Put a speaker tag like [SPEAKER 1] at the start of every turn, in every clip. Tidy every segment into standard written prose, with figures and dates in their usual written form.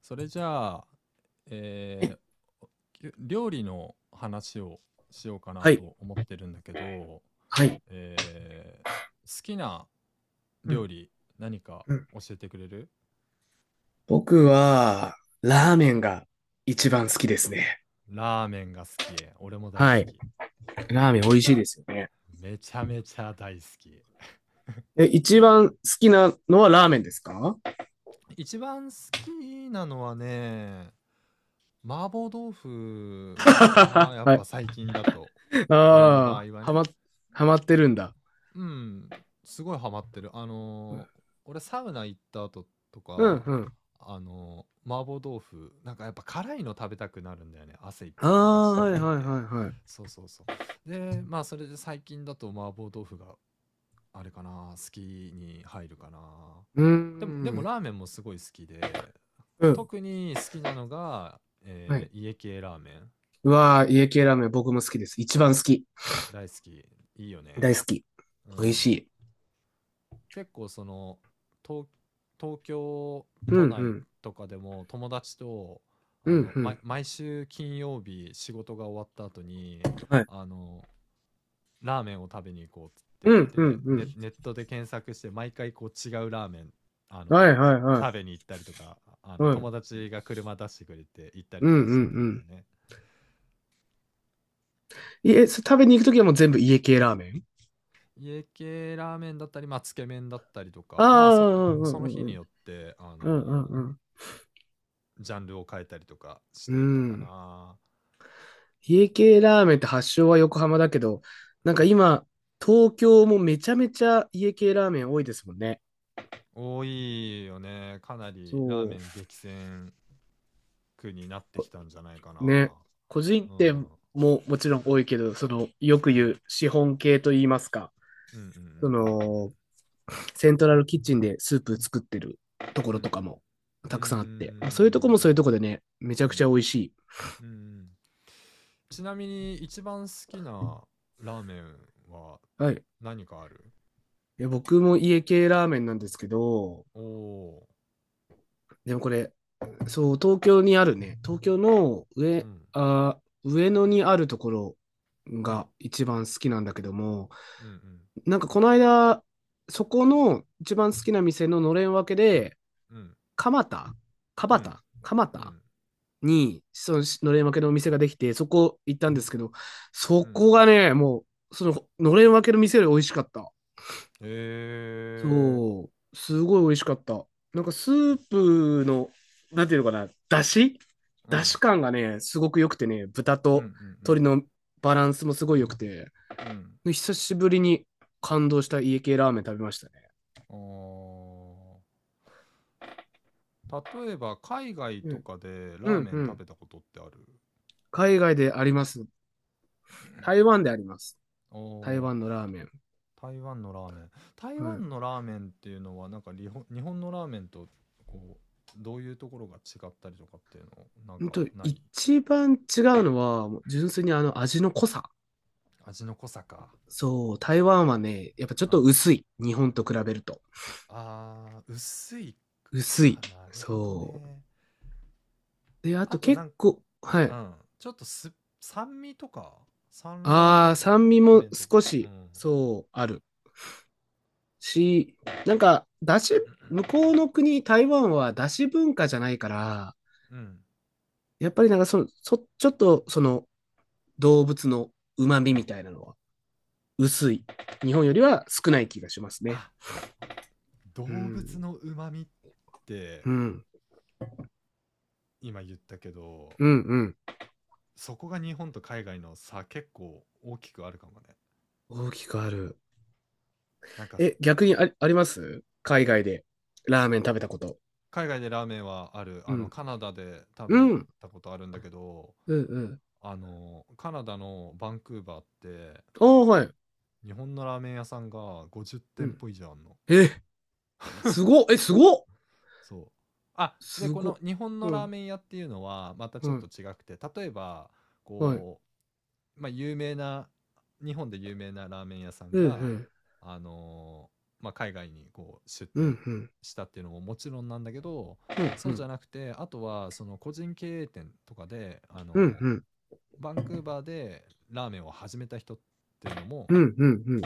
[SPEAKER 1] それじゃあ、えー料理の話をしようかな
[SPEAKER 2] はい、
[SPEAKER 1] と思ってるんだけど、
[SPEAKER 2] はい。
[SPEAKER 1] えー好きな
[SPEAKER 2] う
[SPEAKER 1] 料
[SPEAKER 2] ん
[SPEAKER 1] 理何か
[SPEAKER 2] うん、
[SPEAKER 1] 教えてくれる？
[SPEAKER 2] 僕は、ラーメンが一番好きですね。
[SPEAKER 1] ラーメンが好き。俺も大好
[SPEAKER 2] はい。
[SPEAKER 1] き。
[SPEAKER 2] ラーメン美味しいですよね。
[SPEAKER 1] めちゃめちゃ大好き。
[SPEAKER 2] え、一番好きなのはラーメンですか？
[SPEAKER 1] 一番好きなのはね、麻婆豆 腐かな。やっ
[SPEAKER 2] は
[SPEAKER 1] ぱ
[SPEAKER 2] い。
[SPEAKER 1] 最近だと。
[SPEAKER 2] あ
[SPEAKER 1] 俺の場合
[SPEAKER 2] あ、
[SPEAKER 1] はね。
[SPEAKER 2] はまってるんだ。
[SPEAKER 1] うん、すごいハマってる。俺サウナ行った後と
[SPEAKER 2] うん
[SPEAKER 1] か、
[SPEAKER 2] うん。
[SPEAKER 1] 麻婆豆腐、なんかやっぱ辛いの食べたくなるんだよね。汗いっ
[SPEAKER 2] あ
[SPEAKER 1] ぱい流
[SPEAKER 2] あ、
[SPEAKER 1] し
[SPEAKER 2] はいはいは
[SPEAKER 1] てで。
[SPEAKER 2] いはい。
[SPEAKER 1] そうそうそう。で、まあそれで最近だと麻婆豆腐があれかな、好きに入るかな。
[SPEAKER 2] うー
[SPEAKER 1] でも
[SPEAKER 2] ん。
[SPEAKER 1] ラーメンもすごい好きで、
[SPEAKER 2] うん。
[SPEAKER 1] 特に好きなのが、
[SPEAKER 2] はい。
[SPEAKER 1] 家系ラーメン。
[SPEAKER 2] うわー、家系ラーメン僕も好きです。一番好き。
[SPEAKER 1] 大好き。いいよ
[SPEAKER 2] 大
[SPEAKER 1] ね。
[SPEAKER 2] 好き。
[SPEAKER 1] う
[SPEAKER 2] 美味し
[SPEAKER 1] ん。
[SPEAKER 2] い。
[SPEAKER 1] 結構その東東京
[SPEAKER 2] うんう
[SPEAKER 1] 都内
[SPEAKER 2] ん。
[SPEAKER 1] とかでも友達と
[SPEAKER 2] うんうん。
[SPEAKER 1] 毎週金曜日仕事が終わった後に
[SPEAKER 2] はい。
[SPEAKER 1] あのラーメンを食べに行こうって
[SPEAKER 2] う
[SPEAKER 1] 言っ
[SPEAKER 2] んう
[SPEAKER 1] て
[SPEAKER 2] んう
[SPEAKER 1] ネ
[SPEAKER 2] ん。
[SPEAKER 1] ネットで検索して毎回こう違うラーメンあ
[SPEAKER 2] は
[SPEAKER 1] の
[SPEAKER 2] いはいは
[SPEAKER 1] 食べに行ったりとか
[SPEAKER 2] い。は
[SPEAKER 1] 友
[SPEAKER 2] い。
[SPEAKER 1] 達が車出してくれて行ったり
[SPEAKER 2] うん
[SPEAKER 1] と
[SPEAKER 2] うんう
[SPEAKER 1] かしてたんだよ
[SPEAKER 2] ん。
[SPEAKER 1] ね。
[SPEAKER 2] いえ、食べに行くときはもう全部家系ラーメン。
[SPEAKER 1] 家系ラーメンだったり、まあ、つけ麺だったりと
[SPEAKER 2] あ
[SPEAKER 1] かまあ
[SPEAKER 2] あ、
[SPEAKER 1] そ
[SPEAKER 2] うんう
[SPEAKER 1] その日
[SPEAKER 2] んうんう
[SPEAKER 1] に
[SPEAKER 2] ん。
[SPEAKER 1] よって
[SPEAKER 2] うんうん
[SPEAKER 1] ジャンルを変えたりとかし
[SPEAKER 2] うん。
[SPEAKER 1] てた
[SPEAKER 2] う
[SPEAKER 1] か
[SPEAKER 2] ん。
[SPEAKER 1] な。
[SPEAKER 2] 家系ラーメンって発祥は横浜だけど、なん
[SPEAKER 1] う
[SPEAKER 2] か
[SPEAKER 1] ん。
[SPEAKER 2] 今、東京もめちゃめちゃ家系ラーメン多いですもんね。
[SPEAKER 1] 多いよね。かなりラー
[SPEAKER 2] そ
[SPEAKER 1] メ
[SPEAKER 2] う。
[SPEAKER 1] ン激戦区になってき
[SPEAKER 2] こ
[SPEAKER 1] たんじゃないか
[SPEAKER 2] ね。
[SPEAKER 1] な。
[SPEAKER 2] 個人
[SPEAKER 1] う
[SPEAKER 2] 店
[SPEAKER 1] ん。
[SPEAKER 2] ももちろん多いけど、その、よく
[SPEAKER 1] うん。
[SPEAKER 2] 言う資本系と言いますか、
[SPEAKER 1] うんうんう
[SPEAKER 2] そ
[SPEAKER 1] ん
[SPEAKER 2] の、セントラルキッチンでスープ作ってるとこ
[SPEAKER 1] うん
[SPEAKER 2] ろ
[SPEAKER 1] う
[SPEAKER 2] と
[SPEAKER 1] んう
[SPEAKER 2] か
[SPEAKER 1] ん。
[SPEAKER 2] も
[SPEAKER 1] うんうん。う
[SPEAKER 2] たくさんあって、まあそういうとこも
[SPEAKER 1] ん。
[SPEAKER 2] そういうとこでね、めちゃくちゃ美味しい。
[SPEAKER 1] ちなみに一番好きなラーメンは
[SPEAKER 2] はい。
[SPEAKER 1] 何かある？
[SPEAKER 2] いや、僕も家系ラーメンなんですけど、
[SPEAKER 1] おお
[SPEAKER 2] でもこれ、そう、東京にあるね、東京の
[SPEAKER 1] ー。うん。
[SPEAKER 2] あ上野にあるところ
[SPEAKER 1] うん。
[SPEAKER 2] が一番好きなんだけども、
[SPEAKER 1] うん
[SPEAKER 2] なんかこの間、そこの一番好きな店ののれん分けで、
[SPEAKER 1] うん。うん。
[SPEAKER 2] 蒲田、
[SPEAKER 1] う
[SPEAKER 2] 蒲
[SPEAKER 1] ん。
[SPEAKER 2] 田、蒲
[SPEAKER 1] う
[SPEAKER 2] 田
[SPEAKER 1] ん。
[SPEAKER 2] に、そののれん分けのお店ができて、そこ行ったんですけど、そ
[SPEAKER 1] うん。
[SPEAKER 2] こがね、もう、そののれん分けの店より美味しかった。
[SPEAKER 1] えー。
[SPEAKER 2] そう、すごい美味しかった。なんかスープの、なんていうのかな、だし
[SPEAKER 1] う
[SPEAKER 2] だ
[SPEAKER 1] ん。
[SPEAKER 2] し感がね、すごく良くてね、豚
[SPEAKER 1] うんう
[SPEAKER 2] と鶏
[SPEAKER 1] ん
[SPEAKER 2] のバランスもすごい良くて、
[SPEAKER 1] うん。
[SPEAKER 2] 久しぶりに感動した家系ラーメン食べましたね。
[SPEAKER 1] うん。ああ。例えば、海外
[SPEAKER 2] う
[SPEAKER 1] と
[SPEAKER 2] ん、
[SPEAKER 1] かで
[SPEAKER 2] う
[SPEAKER 1] ラー
[SPEAKER 2] ん、
[SPEAKER 1] メ
[SPEAKER 2] う
[SPEAKER 1] ン食
[SPEAKER 2] ん。
[SPEAKER 1] べたことってある？
[SPEAKER 2] 海外であります。台湾であります。
[SPEAKER 1] お
[SPEAKER 2] 台
[SPEAKER 1] お
[SPEAKER 2] 湾のラーメン。
[SPEAKER 1] ー。台湾のラーメン。台
[SPEAKER 2] はい。
[SPEAKER 1] 湾のラーメンっていうのは、なんか日本のラーメンと、こう、どういうところが違ったりとかっていうの、なん
[SPEAKER 2] ほん
[SPEAKER 1] か
[SPEAKER 2] と、
[SPEAKER 1] ない？
[SPEAKER 2] 一番違うのは、もう純粋にあの味の濃さ。
[SPEAKER 1] 味の濃さか。
[SPEAKER 2] そう、台湾はね、やっぱちょっ
[SPEAKER 1] うん。
[SPEAKER 2] と
[SPEAKER 1] あ
[SPEAKER 2] 薄い。日本と比べると。
[SPEAKER 1] あ、薄い。
[SPEAKER 2] 薄
[SPEAKER 1] あ
[SPEAKER 2] い。
[SPEAKER 1] あ、なるほど
[SPEAKER 2] そ
[SPEAKER 1] ね。
[SPEAKER 2] う。で、あ
[SPEAKER 1] あ
[SPEAKER 2] と
[SPEAKER 1] とな
[SPEAKER 2] 結
[SPEAKER 1] んか、
[SPEAKER 2] 構、は
[SPEAKER 1] う
[SPEAKER 2] い。
[SPEAKER 1] ん。ちょっと、酸味とか、酸
[SPEAKER 2] あ
[SPEAKER 1] 辣
[SPEAKER 2] あ、
[SPEAKER 1] 湯
[SPEAKER 2] 酸味も
[SPEAKER 1] 麺とか、
[SPEAKER 2] 少
[SPEAKER 1] う
[SPEAKER 2] し、
[SPEAKER 1] ん。
[SPEAKER 2] そう、あるし、なんか、だし、向こうの国、台湾はだし文化じゃないから、
[SPEAKER 1] うん、
[SPEAKER 2] やっぱりなんかその、ちょっと、その、動物の旨
[SPEAKER 1] う
[SPEAKER 2] 味
[SPEAKER 1] ん。
[SPEAKER 2] みたいなのは、薄い。日本よりは少ない気がします
[SPEAKER 1] あ、
[SPEAKER 2] ね。う
[SPEAKER 1] 動物
[SPEAKER 2] ん、
[SPEAKER 1] の旨味って
[SPEAKER 2] うん、
[SPEAKER 1] 今言ったけど、
[SPEAKER 2] うん、うん。
[SPEAKER 1] そこが日本と海外の差結構大きくあるかもね。
[SPEAKER 2] 大きくある。
[SPEAKER 1] なんかさ、
[SPEAKER 2] え、逆
[SPEAKER 1] あ、
[SPEAKER 2] にあります海外で、ラーメン食べたこと。
[SPEAKER 1] 海外でラーメンはある。
[SPEAKER 2] うん、
[SPEAKER 1] カナダで食
[SPEAKER 2] う
[SPEAKER 1] べ
[SPEAKER 2] ん、
[SPEAKER 1] たことあるんだけど、
[SPEAKER 2] うん、うん。
[SPEAKER 1] カナダのバンクーバーって、
[SPEAKER 2] ああ、はい。
[SPEAKER 1] 日本のラーメン屋さんが50
[SPEAKER 2] う
[SPEAKER 1] 店
[SPEAKER 2] ん。
[SPEAKER 1] 舗以上あんの。
[SPEAKER 2] え、すごっえ、すごっ
[SPEAKER 1] そう。あ、で、
[SPEAKER 2] す
[SPEAKER 1] こ
[SPEAKER 2] ご
[SPEAKER 1] の
[SPEAKER 2] っ
[SPEAKER 1] 日本の
[SPEAKER 2] う
[SPEAKER 1] ラー
[SPEAKER 2] ん、
[SPEAKER 1] メン屋っていうのはまた
[SPEAKER 2] う
[SPEAKER 1] ちょっと
[SPEAKER 2] ん、
[SPEAKER 1] 違くて、例えば、
[SPEAKER 2] はい。
[SPEAKER 1] こうまあ、有名な、日本で有名なラーメン屋さん
[SPEAKER 2] う
[SPEAKER 1] が、
[SPEAKER 2] ん、
[SPEAKER 1] あのまあ、海外にこう出
[SPEAKER 2] うん、う
[SPEAKER 1] 店
[SPEAKER 2] ん、うん、
[SPEAKER 1] したっていうのももちろんなんだけど、
[SPEAKER 2] う
[SPEAKER 1] そうじゃ
[SPEAKER 2] ん、
[SPEAKER 1] なくて、あとはその個人経営店とかで、
[SPEAKER 2] うん、うん、
[SPEAKER 1] バンクーバーでラーメンを始めた人っていうの
[SPEAKER 2] う
[SPEAKER 1] も
[SPEAKER 2] ん、うん、うん。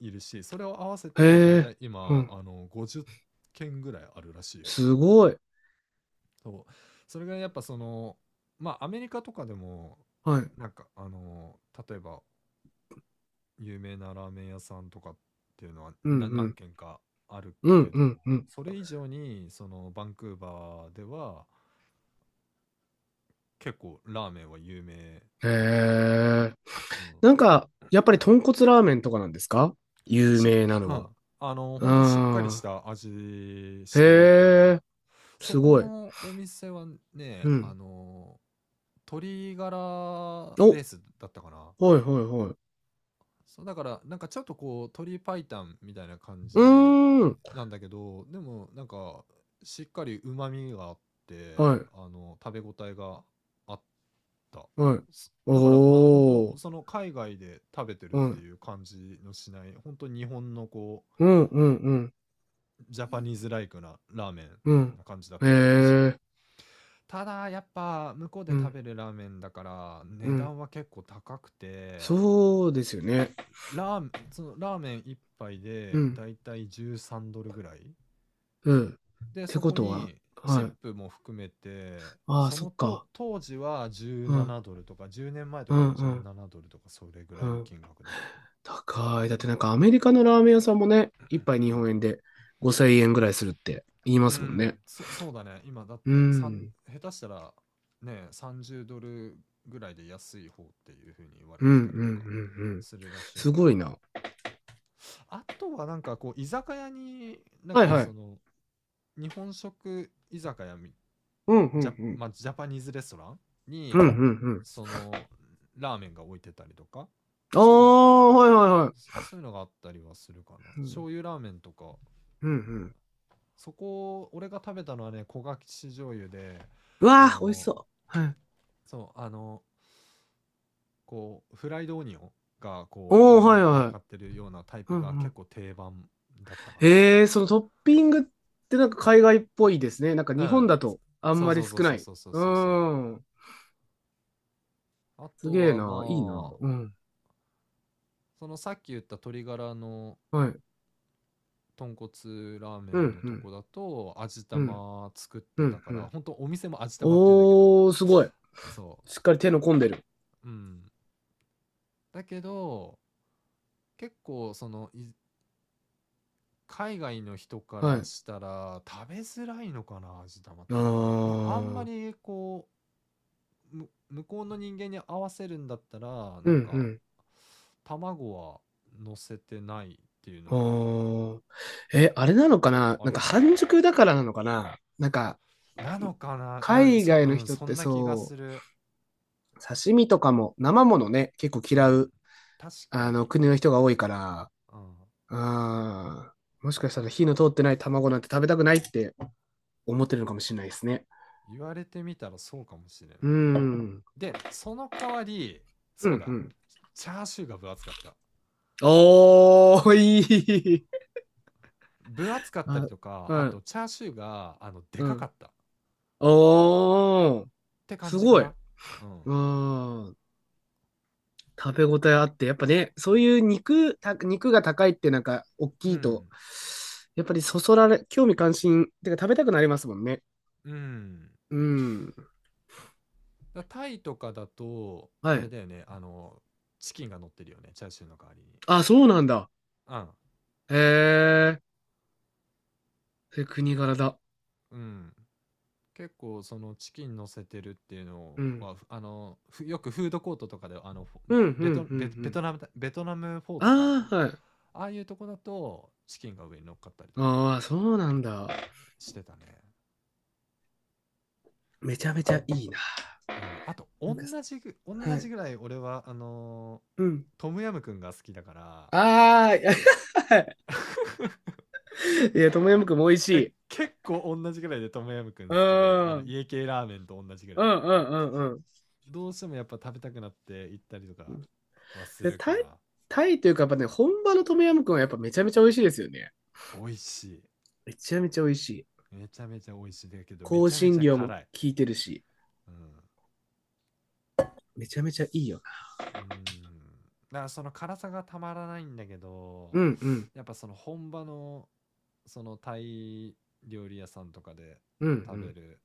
[SPEAKER 1] いるし、それを合わせ
[SPEAKER 2] へ
[SPEAKER 1] てだい
[SPEAKER 2] え、
[SPEAKER 1] たい
[SPEAKER 2] う
[SPEAKER 1] 今、
[SPEAKER 2] ん、
[SPEAKER 1] 50件ぐらいあるらしいよ。
[SPEAKER 2] すごい。
[SPEAKER 1] そう。それがやっぱその、まあ、アメリカとかでも、
[SPEAKER 2] はい。
[SPEAKER 1] なんか、例えば、有名なラーメン屋さんとかっていうのは、
[SPEAKER 2] うん、う
[SPEAKER 1] な何
[SPEAKER 2] ん、
[SPEAKER 1] 軒かある
[SPEAKER 2] う
[SPEAKER 1] け
[SPEAKER 2] ん、う
[SPEAKER 1] ど、
[SPEAKER 2] ん、うん。
[SPEAKER 1] それ以上に、その、バンクーバーでは、結構ラーメンは有名
[SPEAKER 2] へ
[SPEAKER 1] みたい。
[SPEAKER 2] え。
[SPEAKER 1] うん。
[SPEAKER 2] なんか、やっぱり豚骨ラーメンとかなんですか、有
[SPEAKER 1] し
[SPEAKER 2] 名な
[SPEAKER 1] う
[SPEAKER 2] の
[SPEAKER 1] ん。
[SPEAKER 2] は？
[SPEAKER 1] ほんとしっかりし
[SPEAKER 2] あ
[SPEAKER 1] た味
[SPEAKER 2] あ、
[SPEAKER 1] し
[SPEAKER 2] へ
[SPEAKER 1] てたね。
[SPEAKER 2] え、
[SPEAKER 1] そ
[SPEAKER 2] す
[SPEAKER 1] こ
[SPEAKER 2] ごい。
[SPEAKER 1] のお店はね、
[SPEAKER 2] うん。
[SPEAKER 1] 鶏ガラベ
[SPEAKER 2] お、
[SPEAKER 1] ースだったかな。
[SPEAKER 2] はい、はい、はい。
[SPEAKER 1] そう、だから、なんかちょっとこう、鳥白湯みたいな感
[SPEAKER 2] う
[SPEAKER 1] じ
[SPEAKER 2] ーん、
[SPEAKER 1] なんだけど、でもなんか、しっかり旨味があって、
[SPEAKER 2] はい、
[SPEAKER 1] 食べ応えがあった。
[SPEAKER 2] はい。
[SPEAKER 1] だから、本当
[SPEAKER 2] おー、
[SPEAKER 1] その海外で食べてるっ
[SPEAKER 2] は
[SPEAKER 1] て
[SPEAKER 2] い。
[SPEAKER 1] いう感じのしない、本当日本のこう、
[SPEAKER 2] うん、うん、うん。
[SPEAKER 1] ジャパニーズライクなラーメ
[SPEAKER 2] う
[SPEAKER 1] ン
[SPEAKER 2] ん。
[SPEAKER 1] な感じだっ
[SPEAKER 2] へ
[SPEAKER 1] たね。美味しい。
[SPEAKER 2] え。
[SPEAKER 1] ただ、やっぱ、向こう
[SPEAKER 2] う
[SPEAKER 1] で食
[SPEAKER 2] ん。
[SPEAKER 1] べるラーメンだから、
[SPEAKER 2] う
[SPEAKER 1] 値
[SPEAKER 2] ん。
[SPEAKER 1] 段は結構高くて、
[SPEAKER 2] そうですよね。
[SPEAKER 1] ラーメンそのラーメン一杯
[SPEAKER 2] う
[SPEAKER 1] で
[SPEAKER 2] ん。
[SPEAKER 1] だいたい13ドルぐらい
[SPEAKER 2] うん。っ
[SPEAKER 1] で
[SPEAKER 2] て
[SPEAKER 1] そ
[SPEAKER 2] こ
[SPEAKER 1] こ
[SPEAKER 2] とは、
[SPEAKER 1] にチ
[SPEAKER 2] は
[SPEAKER 1] ッ
[SPEAKER 2] い。
[SPEAKER 1] プも含めて
[SPEAKER 2] ああ、
[SPEAKER 1] そ
[SPEAKER 2] そ
[SPEAKER 1] の
[SPEAKER 2] っ
[SPEAKER 1] と
[SPEAKER 2] か。
[SPEAKER 1] 当時は
[SPEAKER 2] うん。
[SPEAKER 1] 17ドルとか10年前と
[SPEAKER 2] う
[SPEAKER 1] か
[SPEAKER 2] ん。
[SPEAKER 1] で
[SPEAKER 2] うん。
[SPEAKER 1] 17ドルとかそれぐら
[SPEAKER 2] う
[SPEAKER 1] いの
[SPEAKER 2] ん。
[SPEAKER 1] 金額だったか
[SPEAKER 2] 高い。だってなんかアメリカのラーメン屋さんもね、
[SPEAKER 1] な。
[SPEAKER 2] 一杯
[SPEAKER 1] う
[SPEAKER 2] 日
[SPEAKER 1] ん
[SPEAKER 2] 本円で5000円ぐらいするって言いま
[SPEAKER 1] う
[SPEAKER 2] すもん
[SPEAKER 1] ん。
[SPEAKER 2] ね。
[SPEAKER 1] そうだね、今だっ
[SPEAKER 2] う
[SPEAKER 1] て
[SPEAKER 2] ん。
[SPEAKER 1] 下手したらね30ドルぐらいで安い方っていう風に言われ
[SPEAKER 2] うん。うん。
[SPEAKER 1] て
[SPEAKER 2] う
[SPEAKER 1] たりとか
[SPEAKER 2] ん。うん。
[SPEAKER 1] するらしい
[SPEAKER 2] す
[SPEAKER 1] から。
[SPEAKER 2] ごいな。
[SPEAKER 1] あとはなんかこう居酒屋になん
[SPEAKER 2] はい
[SPEAKER 1] か
[SPEAKER 2] は
[SPEAKER 1] そ
[SPEAKER 2] い。
[SPEAKER 1] の日本食居酒屋み
[SPEAKER 2] うん。う
[SPEAKER 1] ジャ,、
[SPEAKER 2] ん。う
[SPEAKER 1] ま
[SPEAKER 2] ん。
[SPEAKER 1] あ、ジャパニーズレストラン
[SPEAKER 2] うん。う
[SPEAKER 1] に
[SPEAKER 2] ん。うん。
[SPEAKER 1] そのラーメンが置いてたりとか
[SPEAKER 2] あ
[SPEAKER 1] そういうの
[SPEAKER 2] あ、はいはいはい。
[SPEAKER 1] そういうのがあったりはするかな。
[SPEAKER 2] うん。
[SPEAKER 1] 醤油ラーメンとか、
[SPEAKER 2] うん。うん。
[SPEAKER 1] そこ俺が食べたのはね焦がし醤油で
[SPEAKER 2] うわ
[SPEAKER 1] あ
[SPEAKER 2] あ、美味し
[SPEAKER 1] の
[SPEAKER 2] そう。はい。
[SPEAKER 1] そうこうフライドオニオンがこう
[SPEAKER 2] おー、
[SPEAKER 1] 上
[SPEAKER 2] はい
[SPEAKER 1] に乗っ
[SPEAKER 2] はい。
[SPEAKER 1] かってるようなタイプ
[SPEAKER 2] う
[SPEAKER 1] が結
[SPEAKER 2] ん。
[SPEAKER 1] 構定番だったかな。
[SPEAKER 2] へえ、そのトッピングってなんか海外っぽいですね。なんか
[SPEAKER 1] う
[SPEAKER 2] 日本
[SPEAKER 1] ん
[SPEAKER 2] だとあん
[SPEAKER 1] そう
[SPEAKER 2] ま
[SPEAKER 1] そ
[SPEAKER 2] り
[SPEAKER 1] う
[SPEAKER 2] 少
[SPEAKER 1] そうそ
[SPEAKER 2] な
[SPEAKER 1] う
[SPEAKER 2] い。
[SPEAKER 1] そうそう
[SPEAKER 2] う
[SPEAKER 1] そうそ
[SPEAKER 2] ーん。
[SPEAKER 1] う。あ
[SPEAKER 2] す
[SPEAKER 1] と
[SPEAKER 2] げえ
[SPEAKER 1] は
[SPEAKER 2] な。いいな。
[SPEAKER 1] まあ
[SPEAKER 2] うん。
[SPEAKER 1] そのさっき言った鶏ガラの
[SPEAKER 2] はい。
[SPEAKER 1] 豚骨ラーメ
[SPEAKER 2] う
[SPEAKER 1] ン
[SPEAKER 2] ん、
[SPEAKER 1] の
[SPEAKER 2] う
[SPEAKER 1] と
[SPEAKER 2] ん、
[SPEAKER 1] こだと味
[SPEAKER 2] うん、
[SPEAKER 1] 玉作っ
[SPEAKER 2] う
[SPEAKER 1] てた
[SPEAKER 2] ん、
[SPEAKER 1] か
[SPEAKER 2] う
[SPEAKER 1] ら
[SPEAKER 2] ん。
[SPEAKER 1] 本当お店も味玉って言うんだけど、
[SPEAKER 2] おー、すごい。
[SPEAKER 1] そ
[SPEAKER 2] しっかり手の込んでる。
[SPEAKER 1] う。うん、だけど結構その海外の人か
[SPEAKER 2] は
[SPEAKER 1] ら
[SPEAKER 2] い。
[SPEAKER 1] したら食べづらいのかな味玉っ
[SPEAKER 2] あ
[SPEAKER 1] て。だからなあんま
[SPEAKER 2] ー。
[SPEAKER 1] りこう向こうの人間に合わせるんだったら
[SPEAKER 2] う
[SPEAKER 1] な
[SPEAKER 2] ん、
[SPEAKER 1] ん
[SPEAKER 2] う
[SPEAKER 1] か
[SPEAKER 2] ん。
[SPEAKER 1] 卵は乗せてないっていう
[SPEAKER 2] あ
[SPEAKER 1] のが
[SPEAKER 2] ー。え、あれなのかな、
[SPEAKER 1] あ
[SPEAKER 2] なん
[SPEAKER 1] る
[SPEAKER 2] か
[SPEAKER 1] かも
[SPEAKER 2] 半熟だからなのかな、なんか、
[SPEAKER 1] なのかな、
[SPEAKER 2] 海外
[SPEAKER 1] う
[SPEAKER 2] の
[SPEAKER 1] ん、
[SPEAKER 2] 人っ
[SPEAKER 1] そ
[SPEAKER 2] て
[SPEAKER 1] んな気がす
[SPEAKER 2] そ
[SPEAKER 1] る。
[SPEAKER 2] う、刺身とかも生ものね、結構
[SPEAKER 1] う
[SPEAKER 2] 嫌
[SPEAKER 1] ん。
[SPEAKER 2] う、
[SPEAKER 1] 確か
[SPEAKER 2] あの、
[SPEAKER 1] に。
[SPEAKER 2] 国の人が多いから、あ
[SPEAKER 1] うん。
[SPEAKER 2] あ、もしかしたら
[SPEAKER 1] 言、
[SPEAKER 2] 火の通ってない卵なんて食べたくないって思ってるのかもしれないですね。
[SPEAKER 1] 言われてみたらそうかもしれない。
[SPEAKER 2] うーん。
[SPEAKER 1] で、その代わり、
[SPEAKER 2] うん、う
[SPEAKER 1] そうだ。
[SPEAKER 2] ん。
[SPEAKER 1] チャーシューが分厚かった。
[SPEAKER 2] おー、いい。
[SPEAKER 1] 分厚かったり
[SPEAKER 2] あ、
[SPEAKER 1] とか、
[SPEAKER 2] う
[SPEAKER 1] あと
[SPEAKER 2] ん、
[SPEAKER 1] チャーシューが、で
[SPEAKER 2] う
[SPEAKER 1] かかっ
[SPEAKER 2] ん。
[SPEAKER 1] たっ
[SPEAKER 2] おー、
[SPEAKER 1] て感
[SPEAKER 2] す
[SPEAKER 1] じか
[SPEAKER 2] ごい。
[SPEAKER 1] な。
[SPEAKER 2] う
[SPEAKER 1] うん。
[SPEAKER 2] ーん。食べ応えあって、やっぱね、そういう肉が高いってなんか、大
[SPEAKER 1] う
[SPEAKER 2] きいと、
[SPEAKER 1] ん。
[SPEAKER 2] やっぱりそそられ、興味関心、てか食べたくなりますもんね。
[SPEAKER 1] うん。
[SPEAKER 2] うん。
[SPEAKER 1] タイとかだと、
[SPEAKER 2] は
[SPEAKER 1] あれ
[SPEAKER 2] い。
[SPEAKER 1] だよね、チキンが乗ってるよね、チャーシューの代わりに。
[SPEAKER 2] あ、そうなんだ。
[SPEAKER 1] うん。
[SPEAKER 2] へえ。それ国柄だ。
[SPEAKER 1] うん。結構そのチキン乗せてるっていうの
[SPEAKER 2] うん。
[SPEAKER 1] はふあのふよくフードコートとかでフォ
[SPEAKER 2] うん、うん、うん、
[SPEAKER 1] ベ
[SPEAKER 2] う
[SPEAKER 1] トベベト
[SPEAKER 2] ん。
[SPEAKER 1] ナムだベトナムフォーとか、
[SPEAKER 2] ああ、はい。
[SPEAKER 1] ああいうとこだとチキンが上に乗っかったりとか
[SPEAKER 2] ああ、そうなんだ。
[SPEAKER 1] してたね。
[SPEAKER 2] めちゃめち
[SPEAKER 1] あ,、
[SPEAKER 2] ゃいいな。
[SPEAKER 1] うん、あと
[SPEAKER 2] な
[SPEAKER 1] 同
[SPEAKER 2] んか、
[SPEAKER 1] じぐ同
[SPEAKER 2] は
[SPEAKER 1] じ
[SPEAKER 2] い。
[SPEAKER 1] ぐらい俺は
[SPEAKER 2] うん。
[SPEAKER 1] トムヤムくんが好きだから、
[SPEAKER 2] ああ、いや、いや、トムヤムクンも美味しい。
[SPEAKER 1] 結構同じぐらいでトムヤムく
[SPEAKER 2] う
[SPEAKER 1] ん
[SPEAKER 2] ん。
[SPEAKER 1] 好きで
[SPEAKER 2] うん、
[SPEAKER 1] 家系ラーメンと同じぐ
[SPEAKER 2] う
[SPEAKER 1] らい
[SPEAKER 2] ん、うん、うん。
[SPEAKER 1] どうしてもやっぱ食べたくなって行ったりとかはす
[SPEAKER 2] で、
[SPEAKER 1] る
[SPEAKER 2] タ
[SPEAKER 1] か
[SPEAKER 2] イ、
[SPEAKER 1] な。
[SPEAKER 2] タイというか、やっぱね、本場のトムヤムクンはやっぱめちゃめちゃ美味しいですよね。
[SPEAKER 1] 美味しい。
[SPEAKER 2] めちゃめちゃ美味しい。
[SPEAKER 1] めちゃめちゃ美味しい。だけど、め
[SPEAKER 2] 香
[SPEAKER 1] ちゃめち
[SPEAKER 2] 辛
[SPEAKER 1] ゃ
[SPEAKER 2] 料も効
[SPEAKER 1] 辛い。
[SPEAKER 2] いてるし、
[SPEAKER 1] うん。
[SPEAKER 2] めちゃめちゃいいよな。
[SPEAKER 1] うん。だからその辛さがたまらないんだけ
[SPEAKER 2] う
[SPEAKER 1] ど、
[SPEAKER 2] ん、うん、
[SPEAKER 1] やっぱその本場の、そのタイ料理屋さんとかで
[SPEAKER 2] うん、
[SPEAKER 1] 食べ
[SPEAKER 2] う
[SPEAKER 1] る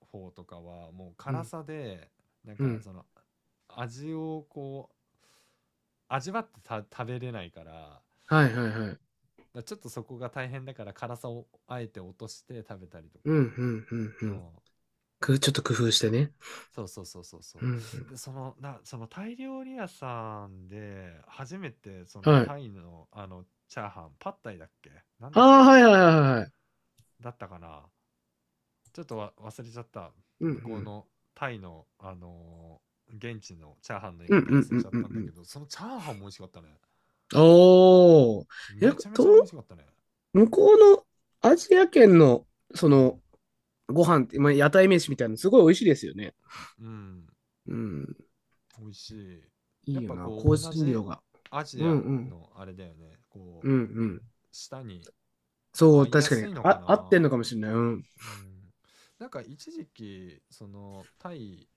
[SPEAKER 1] 方とかは、もう
[SPEAKER 2] ん、う
[SPEAKER 1] 辛
[SPEAKER 2] ん、
[SPEAKER 1] さで、なん
[SPEAKER 2] う
[SPEAKER 1] か
[SPEAKER 2] ん。
[SPEAKER 1] その味をこう、味わってた食べれないから、だか
[SPEAKER 2] はい、はい、はい。
[SPEAKER 1] らちょっとそこが大変だから辛さをあえて落として食べたりと
[SPEAKER 2] うん、
[SPEAKER 1] か。
[SPEAKER 2] うん、うん、う
[SPEAKER 1] う
[SPEAKER 2] ん。
[SPEAKER 1] ん。
[SPEAKER 2] ちょっと工夫してね。
[SPEAKER 1] そうそうそうそう
[SPEAKER 2] う
[SPEAKER 1] そ
[SPEAKER 2] ん、うん。
[SPEAKER 1] う。で、そのタイ料理屋さんで、初めてその
[SPEAKER 2] はい。
[SPEAKER 1] タイの、チャーハン、パッタイだっけなん
[SPEAKER 2] あ
[SPEAKER 1] だっ
[SPEAKER 2] あ、
[SPEAKER 1] け
[SPEAKER 2] はいはいはいはい。
[SPEAKER 1] だったかなちょっと忘れちゃった。
[SPEAKER 2] うんう
[SPEAKER 1] 向こう
[SPEAKER 2] ん。
[SPEAKER 1] のタイの、現地のチャーハンの言い
[SPEAKER 2] うんう
[SPEAKER 1] 方忘
[SPEAKER 2] ん
[SPEAKER 1] れ
[SPEAKER 2] う
[SPEAKER 1] ちゃ
[SPEAKER 2] ん
[SPEAKER 1] っ
[SPEAKER 2] う
[SPEAKER 1] た
[SPEAKER 2] ん
[SPEAKER 1] ん
[SPEAKER 2] う
[SPEAKER 1] だけ
[SPEAKER 2] ん。
[SPEAKER 1] ど、そのチャーハンも美味しかったね。
[SPEAKER 2] おー。え、
[SPEAKER 1] めちゃめ
[SPEAKER 2] と、
[SPEAKER 1] ちゃ美味しかったね。
[SPEAKER 2] 向こうのアジア圏の、そ
[SPEAKER 1] うん。
[SPEAKER 2] の、ご飯って、まあ、屋台飯みたいなのすごい美味しいですよね。
[SPEAKER 1] うん。
[SPEAKER 2] うん。
[SPEAKER 1] 美味しい。
[SPEAKER 2] い
[SPEAKER 1] や
[SPEAKER 2] い
[SPEAKER 1] っ
[SPEAKER 2] よ
[SPEAKER 1] ぱ
[SPEAKER 2] な、
[SPEAKER 1] こ
[SPEAKER 2] 香
[SPEAKER 1] う、同
[SPEAKER 2] 辛
[SPEAKER 1] じ
[SPEAKER 2] 料が。
[SPEAKER 1] ア
[SPEAKER 2] う
[SPEAKER 1] ジ
[SPEAKER 2] ん
[SPEAKER 1] ア
[SPEAKER 2] うん。
[SPEAKER 1] のあれだよね。こ
[SPEAKER 2] うん
[SPEAKER 1] う、
[SPEAKER 2] うん。
[SPEAKER 1] 舌に
[SPEAKER 2] そ
[SPEAKER 1] 合
[SPEAKER 2] う、
[SPEAKER 1] いや
[SPEAKER 2] 確か
[SPEAKER 1] す
[SPEAKER 2] に。
[SPEAKER 1] いのか
[SPEAKER 2] あ、合ってん
[SPEAKER 1] な。
[SPEAKER 2] のかもしれない。うん。
[SPEAKER 1] うん、なんか一時期そのタイ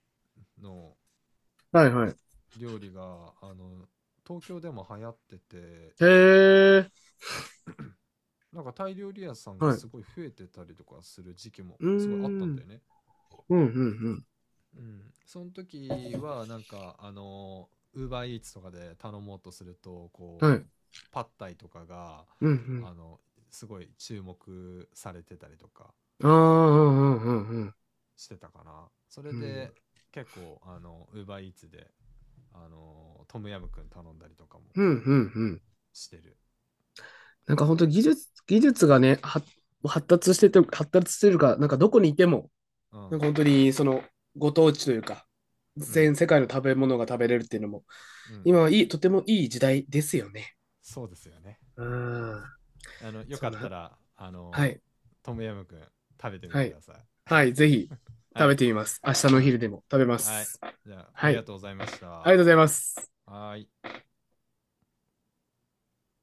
[SPEAKER 1] の
[SPEAKER 2] はいはい。
[SPEAKER 1] 料理が東京でも流行ってて、
[SPEAKER 2] へえ。
[SPEAKER 1] なんかタイ料理屋さんが
[SPEAKER 2] はい。
[SPEAKER 1] すごい増えてたりとかする時期も
[SPEAKER 2] うー
[SPEAKER 1] すごいあった
[SPEAKER 2] ん。う
[SPEAKER 1] んだ
[SPEAKER 2] ん
[SPEAKER 1] よね。
[SPEAKER 2] うん
[SPEAKER 1] うん、その時はなんかウーバーイーツとかで頼もうとするとこ
[SPEAKER 2] うん。はい。
[SPEAKER 1] うパッタイとかが
[SPEAKER 2] うんうん。
[SPEAKER 1] あのすごい注目されてたりとか
[SPEAKER 2] ああ、うんうんうんうん。
[SPEAKER 1] してたかな。それで
[SPEAKER 2] う
[SPEAKER 1] 結構ウーバーイーツでトムヤムくん頼んだりとかも
[SPEAKER 2] んうんうん、
[SPEAKER 1] してる、
[SPEAKER 2] なんか本当技術がね、は発達してて、発達してるか、なんかどこにいても、
[SPEAKER 1] うん、うん
[SPEAKER 2] なんか本当にそのご当地というか、
[SPEAKER 1] うんうん
[SPEAKER 2] 全世界の食べ物が食べれるっていうのも、
[SPEAKER 1] う
[SPEAKER 2] 今はいい、
[SPEAKER 1] ん、
[SPEAKER 2] とてもいい時代ですよね。
[SPEAKER 1] そうですよね。
[SPEAKER 2] うん。
[SPEAKER 1] よ
[SPEAKER 2] そ
[SPEAKER 1] か
[SPEAKER 2] ん
[SPEAKER 1] った
[SPEAKER 2] な、
[SPEAKER 1] ら
[SPEAKER 2] はい、
[SPEAKER 1] トムヤムくん食べてみて
[SPEAKER 2] は
[SPEAKER 1] く
[SPEAKER 2] い、
[SPEAKER 1] ださい。
[SPEAKER 2] はい、ぜひ
[SPEAKER 1] は
[SPEAKER 2] 食べ
[SPEAKER 1] い。
[SPEAKER 2] てみます。明日
[SPEAKER 1] う
[SPEAKER 2] のお
[SPEAKER 1] ん。
[SPEAKER 2] 昼でも食べま
[SPEAKER 1] はい。
[SPEAKER 2] す。
[SPEAKER 1] じゃあ、あ
[SPEAKER 2] は
[SPEAKER 1] りが
[SPEAKER 2] い、
[SPEAKER 1] とうございまし
[SPEAKER 2] ありがとうご
[SPEAKER 1] た。
[SPEAKER 2] ざいます。
[SPEAKER 1] はい。